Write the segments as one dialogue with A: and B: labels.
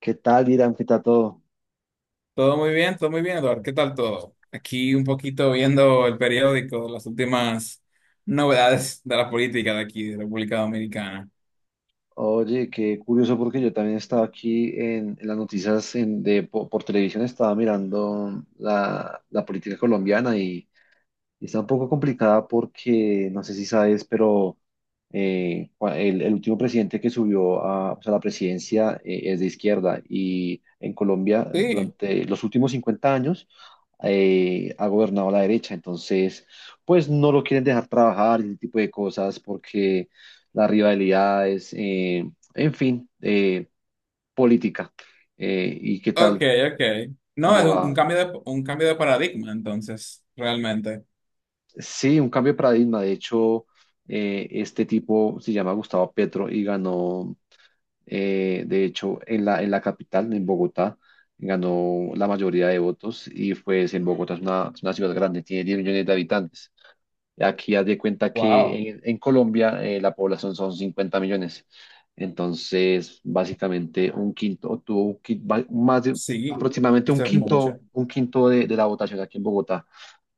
A: ¿Qué tal, Irán? ¿Qué tal todo?
B: Todo muy bien, Eduardo. ¿Qué tal todo? Aquí un poquito viendo el periódico, las últimas novedades de la política de aquí, de República Dominicana.
A: Oye, qué curioso porque yo también estaba aquí en las noticias por televisión. Estaba mirando la política colombiana y está un poco complicada porque, no sé si sabes, pero el último presidente que subió a, pues, a la presidencia es de izquierda, y en Colombia
B: Sí,
A: durante los últimos 50 años ha gobernado la derecha. Entonces pues no lo quieren dejar trabajar y ese tipo de cosas porque las rivalidades, en fin, eh, política. ¿y qué
B: ok,
A: tal?
B: ok. No, es
A: Como
B: un
A: a-
B: cambio de, un cambio de paradigma, entonces, realmente.
A: sí, un cambio de paradigma. De hecho, este tipo se llama Gustavo Petro y ganó, de hecho, en la capital, en Bogotá, ganó la mayoría de votos, y pues en Bogotá es una ciudad grande, tiene 10 millones de habitantes. Aquí haz de cuenta
B: Wow,
A: que en Colombia la población son 50 millones. Entonces, básicamente un quinto, o tuvo un
B: sí,
A: aproximadamente
B: eso es mucho.
A: un quinto de la votación aquí en Bogotá.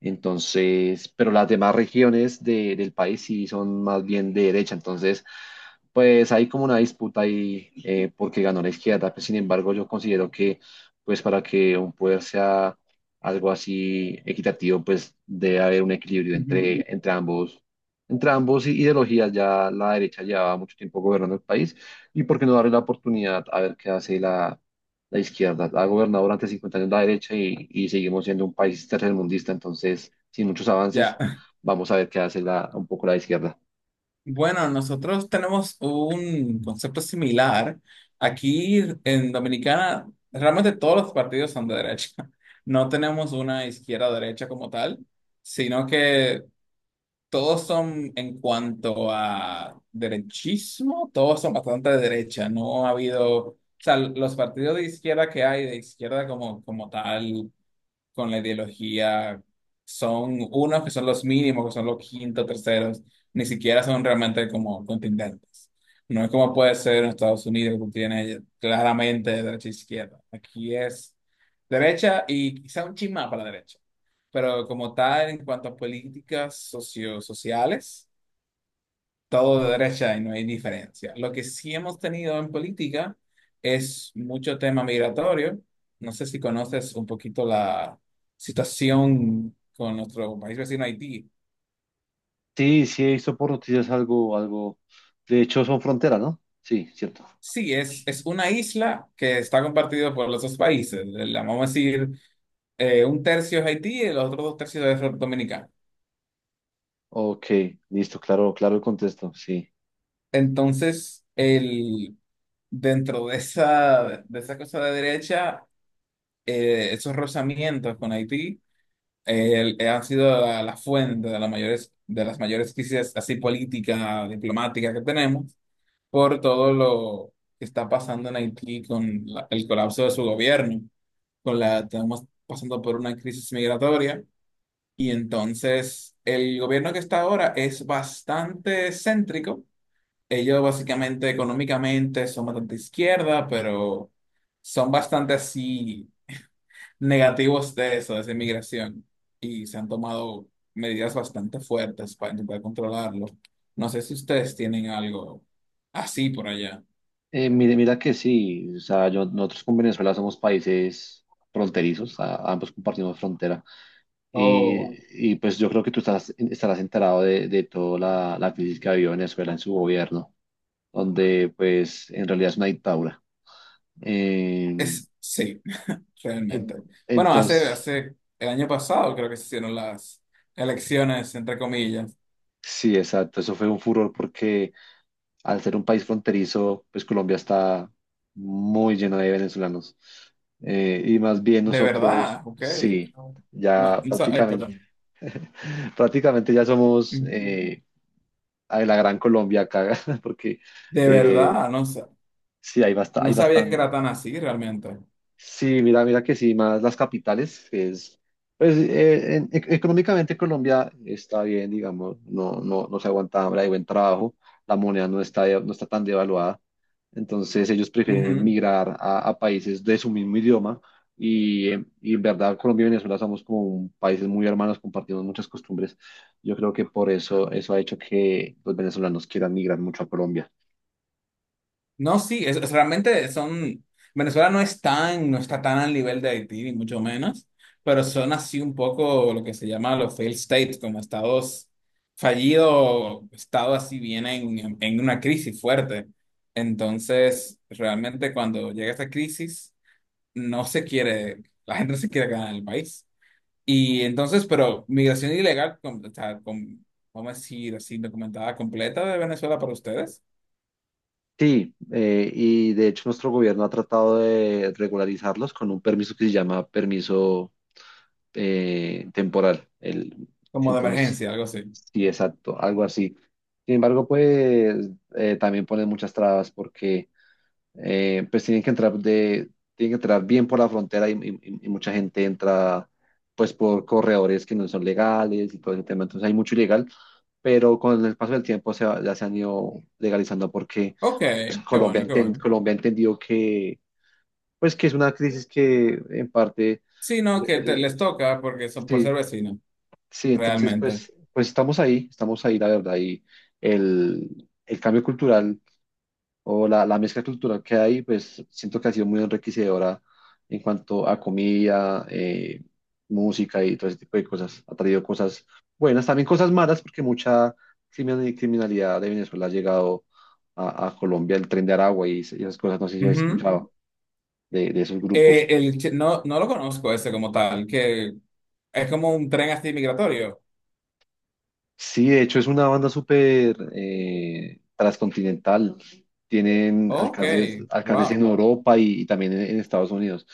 A: Entonces, pero las demás regiones del país sí son más bien de derecha. Entonces, pues hay como una disputa ahí porque ganó la izquierda. Pues, sin embargo, yo considero que, pues para que un poder sea algo así equitativo, pues debe haber un equilibrio
B: Ujú.
A: entre ambos, entre ambos ideologías. Ya la derecha llevaba mucho tiempo gobernando el país, y por qué no darle la oportunidad a ver qué hace. La izquierda ha gobernado durante 50 años la derecha, y seguimos siendo un país tercermundista, entonces, sin muchos
B: Ya.
A: avances. Vamos a ver qué hace la, un poco la izquierda.
B: Bueno, nosotros tenemos un concepto similar. Aquí en Dominicana, realmente todos los partidos son de derecha. No tenemos una izquierda o derecha como tal, sino que todos son en cuanto a derechismo, todos son bastante de derecha. No ha habido, o sea, los partidos de izquierda que hay, de izquierda como, como tal con la ideología son unos que son los mínimos, que son los quintos, terceros, ni siquiera son realmente como contendentes. No es como puede ser en Estados Unidos, que tiene claramente derecha e izquierda. Aquí es derecha y quizá un chin más para la derecha. Pero como tal, en cuanto a políticas socio sociales, todo de derecha y no hay diferencia. Lo que sí hemos tenido en política es mucho tema migratorio. No sé si conoces un poquito la situación con nuestro país vecino Haití.
A: Sí, sí, he visto por noticias algo, algo. De hecho, son fronteras, ¿no? Sí, cierto.
B: Sí, es una isla que está compartida por los dos países. La vamos a decir, un tercio es Haití y los otros dos tercios es Dominicana.
A: Ok, listo, claro, claro el contexto, sí.
B: Entonces, el, dentro de esa cosa de derecha, esos rozamientos con Haití el- ha sido la, la fuente de las mayores crisis así política, diplomática que tenemos por todo lo que está pasando en Haití con el colapso de su gobierno, con la estamos pasando por una crisis migratoria y entonces el gobierno que está ahora es bastante céntrico. Ellos básicamente económicamente son bastante izquierda, pero son bastante así negativos de eso, de esa inmigración, y se han tomado medidas bastante fuertes para intentar controlarlo. No sé si ustedes tienen algo así por allá.
A: Mira, que sí, o sea, nosotros con Venezuela somos países fronterizos, ambos compartimos frontera.
B: O
A: Y pues yo creo que tú estás, estarás enterado de toda la crisis que ha habido Venezuela en su gobierno, donde pues en realidad es una dictadura. En-
B: es, sí,
A: en-
B: realmente. Bueno, hace,
A: entonces,
B: hace el año pasado creo que se hicieron las elecciones, entre comillas.
A: sí, exacto, eso fue un furor porque al ser un país fronterizo, pues Colombia está muy llena de venezolanos. Y más bien
B: De
A: nosotros,
B: verdad, ok.
A: sí,
B: No,
A: ya
B: ay,
A: prácticamente,
B: perdón.
A: prácticamente ya somos
B: Ujú.
A: a la Gran Colombia acá, porque
B: De
A: eh,
B: verdad, no,
A: sí, hay, bastante
B: no
A: hay.
B: sabía que era tan así realmente.
A: Sí, mira, mira que sí, más las capitales que es, pues económicamente Colombia está bien, digamos, no se aguanta hambre, hay buen trabajo, la moneda no está, no está tan devaluada. Entonces ellos prefieren migrar a países de su mismo idioma, y en verdad Colombia y Venezuela somos como países muy hermanos, compartimos muchas costumbres. Yo creo que por eso eso ha hecho que los venezolanos quieran migrar mucho a Colombia.
B: No, sí, realmente son, Venezuela no es tan, no está tan al nivel de Haití, ni mucho menos, pero son así un poco lo que se llama los failed states, como estados fallidos, estados así vienen en una crisis fuerte. Entonces, realmente cuando llega esta crisis, no se quiere, la gente no se quiere quedar en el país. Y entonces, pero migración ilegal, con, o sea, con, vamos a decir así, documentada completa de Venezuela para ustedes,
A: Sí, y de hecho nuestro gobierno ha tratado de regularizarlos con un permiso que se llama permiso temporal. El,
B: como de
A: entonces,
B: emergencia, algo así.
A: sí, exacto, algo así. Sin embargo, pues también ponen muchas trabas porque pues tienen que entrar de, tienen que entrar bien por la frontera, y y- mucha gente entra pues por corredores que no son legales y todo ese tema. Entonces hay mucho ilegal, pero con el paso del tiempo ya se han ido legalizando porque
B: Ok, qué
A: Colombia,
B: bueno, qué bueno.
A: Colombia entendió que, pues, que es una crisis que en parte,
B: Sí, no, que te-
A: eh,
B: les toca porque son por ser
A: sí,
B: vecinos,
A: sí, entonces,
B: realmente.
A: pues, pues estamos ahí, la verdad. Y el cambio cultural o la mezcla cultural que hay, pues, siento que ha sido muy enriquecedora en cuanto a comida, música y todo ese tipo de cosas. Ha traído cosas buenas, también cosas malas, porque mucha criminalidad de Venezuela ha llegado a Colombia, el tren de Aragua y, esas cosas, no sé si has
B: Ujú.
A: escuchado de esos grupos.
B: No, no lo conozco ese como tal, que es como un tren así migratorio.
A: Sí, de hecho es una banda súper transcontinental. Tienen
B: Ok,
A: alcances, alcances en
B: wow,
A: Europa, y también en Estados Unidos.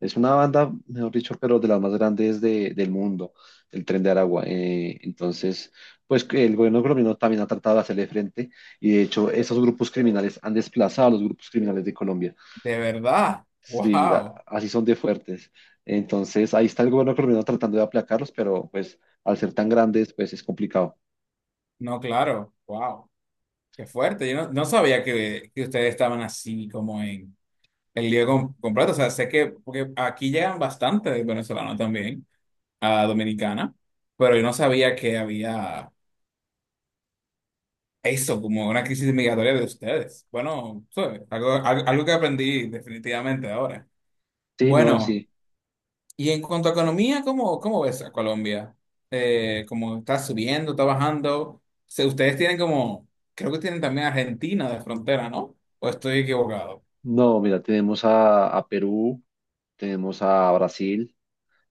A: Es una banda, mejor dicho, pero de las más grandes del mundo, el Tren de Aragua. Entonces, pues que el gobierno colombiano también ha tratado de hacerle frente, y de hecho esos grupos criminales han desplazado a los grupos criminales de Colombia.
B: de verdad,
A: Sí,
B: wow.
A: así son de fuertes. Entonces, ahí está el gobierno colombiano tratando de aplacarlos, pero pues al ser tan grandes, pues es complicado.
B: No, claro, wow, qué fuerte. Yo no sabía que ustedes estaban así como en el lío completo. O sea, sé que porque aquí llegan bastantes venezolanos también a Dominicana, pero yo no sabía que había. Eso, como una crisis migratoria de ustedes. Bueno, ¿sabes? Algo, al- algo que aprendí definitivamente ahora.
A: Sí, no,
B: Bueno,
A: sí.
B: y en cuanto a economía, ¿cómo ves a Colombia? ¿Cómo está subiendo, está bajando? Se- ustedes tienen como, creo que tienen también Argentina de frontera, ¿no? ¿O estoy equivocado?
A: No, mira, tenemos a Perú, tenemos a Brasil,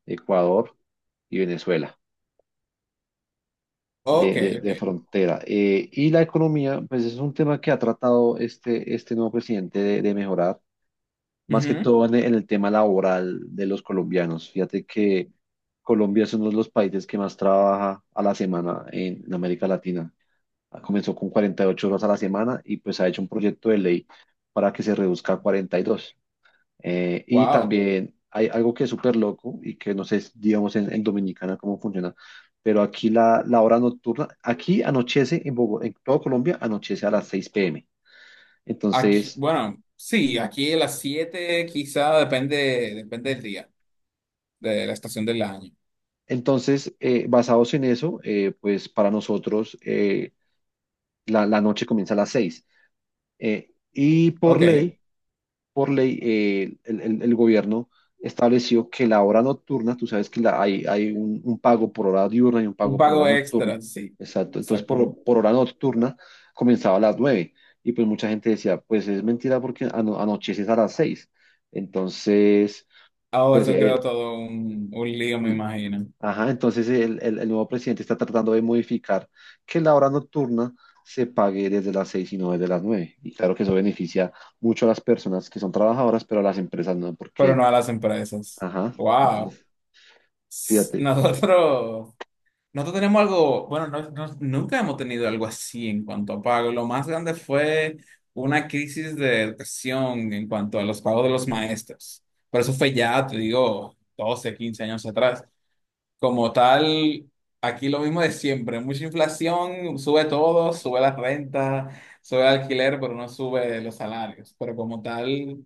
A: Ecuador y Venezuela
B: Ok,
A: de, de
B: ok.
A: frontera. Y la economía, pues es un tema que ha tratado este, este nuevo presidente de mejorar, más que todo en el tema laboral de los colombianos. Fíjate que Colombia es uno de los países que más trabaja a la semana en América Latina. Ah, comenzó con 48 horas a la semana y pues ha hecho un proyecto de ley para que se reduzca a 42. Y
B: Wow.
A: también hay algo que es súper loco y que no sé, digamos, en Dominicana cómo funciona, pero aquí la hora nocturna, aquí anochece en Bogotá, en todo Colombia anochece a las 6 p.m.
B: Aquí,
A: Entonces,
B: bueno, sí, aquí a las 7 quizá depende, depende del día, de la estación del año.
A: Entonces, basados en eso, pues para nosotros la noche comienza a las 6. Y
B: Ok,
A: por ley, el gobierno estableció que la hora nocturna, tú sabes que hay, hay un pago por hora diurna y un
B: un
A: pago por hora
B: pago
A: nocturna.
B: extra, sí,
A: Exacto. Entonces,
B: exactamente.
A: por hora nocturna comenzaba a las 9. Y pues mucha gente decía, pues es mentira porque anocheces a las 6. Entonces,
B: Oh,
A: pues...
B: eso
A: eh,
B: creo todo un lío, me
A: sí,
B: imagino.
A: ajá, entonces el, el nuevo presidente está tratando de modificar que la hora nocturna se pague desde las 6 y no desde las 9. Y claro que eso beneficia mucho a las personas que son trabajadoras, pero a las empresas no,
B: Pero
A: porque,
B: no a las empresas.
A: ajá,
B: Wow.
A: entonces,
B: S-
A: fíjate.
B: Nosotros tenemos algo, bueno, nunca hemos tenido algo así en cuanto a pago. Lo más grande fue una crisis de educación en cuanto a los pagos de los maestros. Pero eso fue ya, te digo, 12, 15 años atrás. Como tal, aquí lo mismo de siempre, mucha inflación, sube todo, sube la renta, sube el alquiler, pero no sube los salarios. Pero como tal,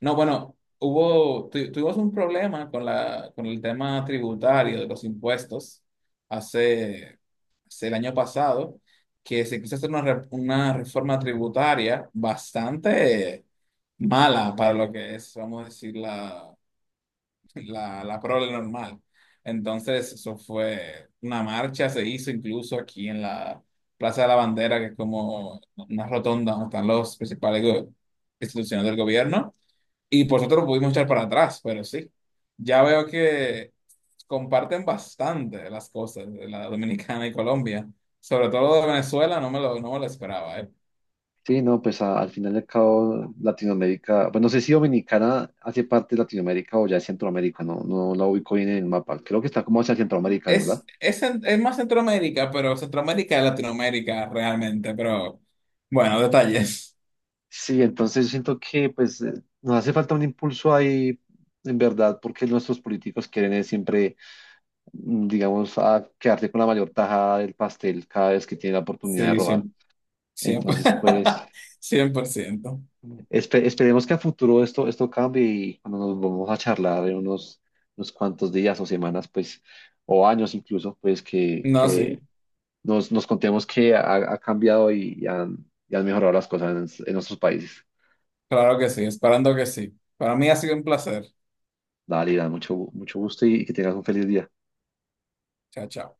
B: no, bueno, hubo, tuvimos un problema con la, con el tema tributario de los impuestos hace, hace el año pasado, que se quiso hacer una reforma tributaria bastante mala para lo que es, vamos a decir, la prole normal. Entonces, eso fue una marcha, se hizo incluso aquí en la Plaza de la Bandera, que es como una rotonda donde están los principales go- instituciones del gobierno, y por nosotros pudimos echar para atrás, pero sí, ya veo que comparten bastante las cosas de la Dominicana y Colombia, sobre todo de Venezuela, no me lo esperaba, ¿eh?
A: Sí, no, pues al final y al cabo Latinoamérica, pues no sé si Dominicana hace parte de Latinoamérica o ya es Centroamérica, no, no la ubico bien en el mapa. Creo que está como hacia Centroamérica, ¿verdad?
B: Es es más Centroamérica, pero Centroamérica es Latinoamérica realmente, pero bueno, detalles.
A: Sí, entonces yo siento que pues nos hace falta un impulso ahí, en verdad, porque nuestros políticos quieren es siempre, digamos, a quedarse con la mayor tajada del pastel cada vez que tienen la oportunidad de
B: Sí,
A: robar.
B: siempre, siempre,
A: Entonces, pues
B: 100%.
A: esperemos que a futuro esto, esto cambie, y cuando nos vamos a charlar en unos, unos cuantos días o semanas, pues, o años incluso, pues
B: No, sí,
A: que nos, nos contemos que ha, ha cambiado y han mejorado las cosas en nuestros países.
B: claro que sí, esperando que sí. Para mí ha sido un placer.
A: Dale, Iván, mucho, mucho gusto, y que tengas un feliz día.
B: Chao, chao.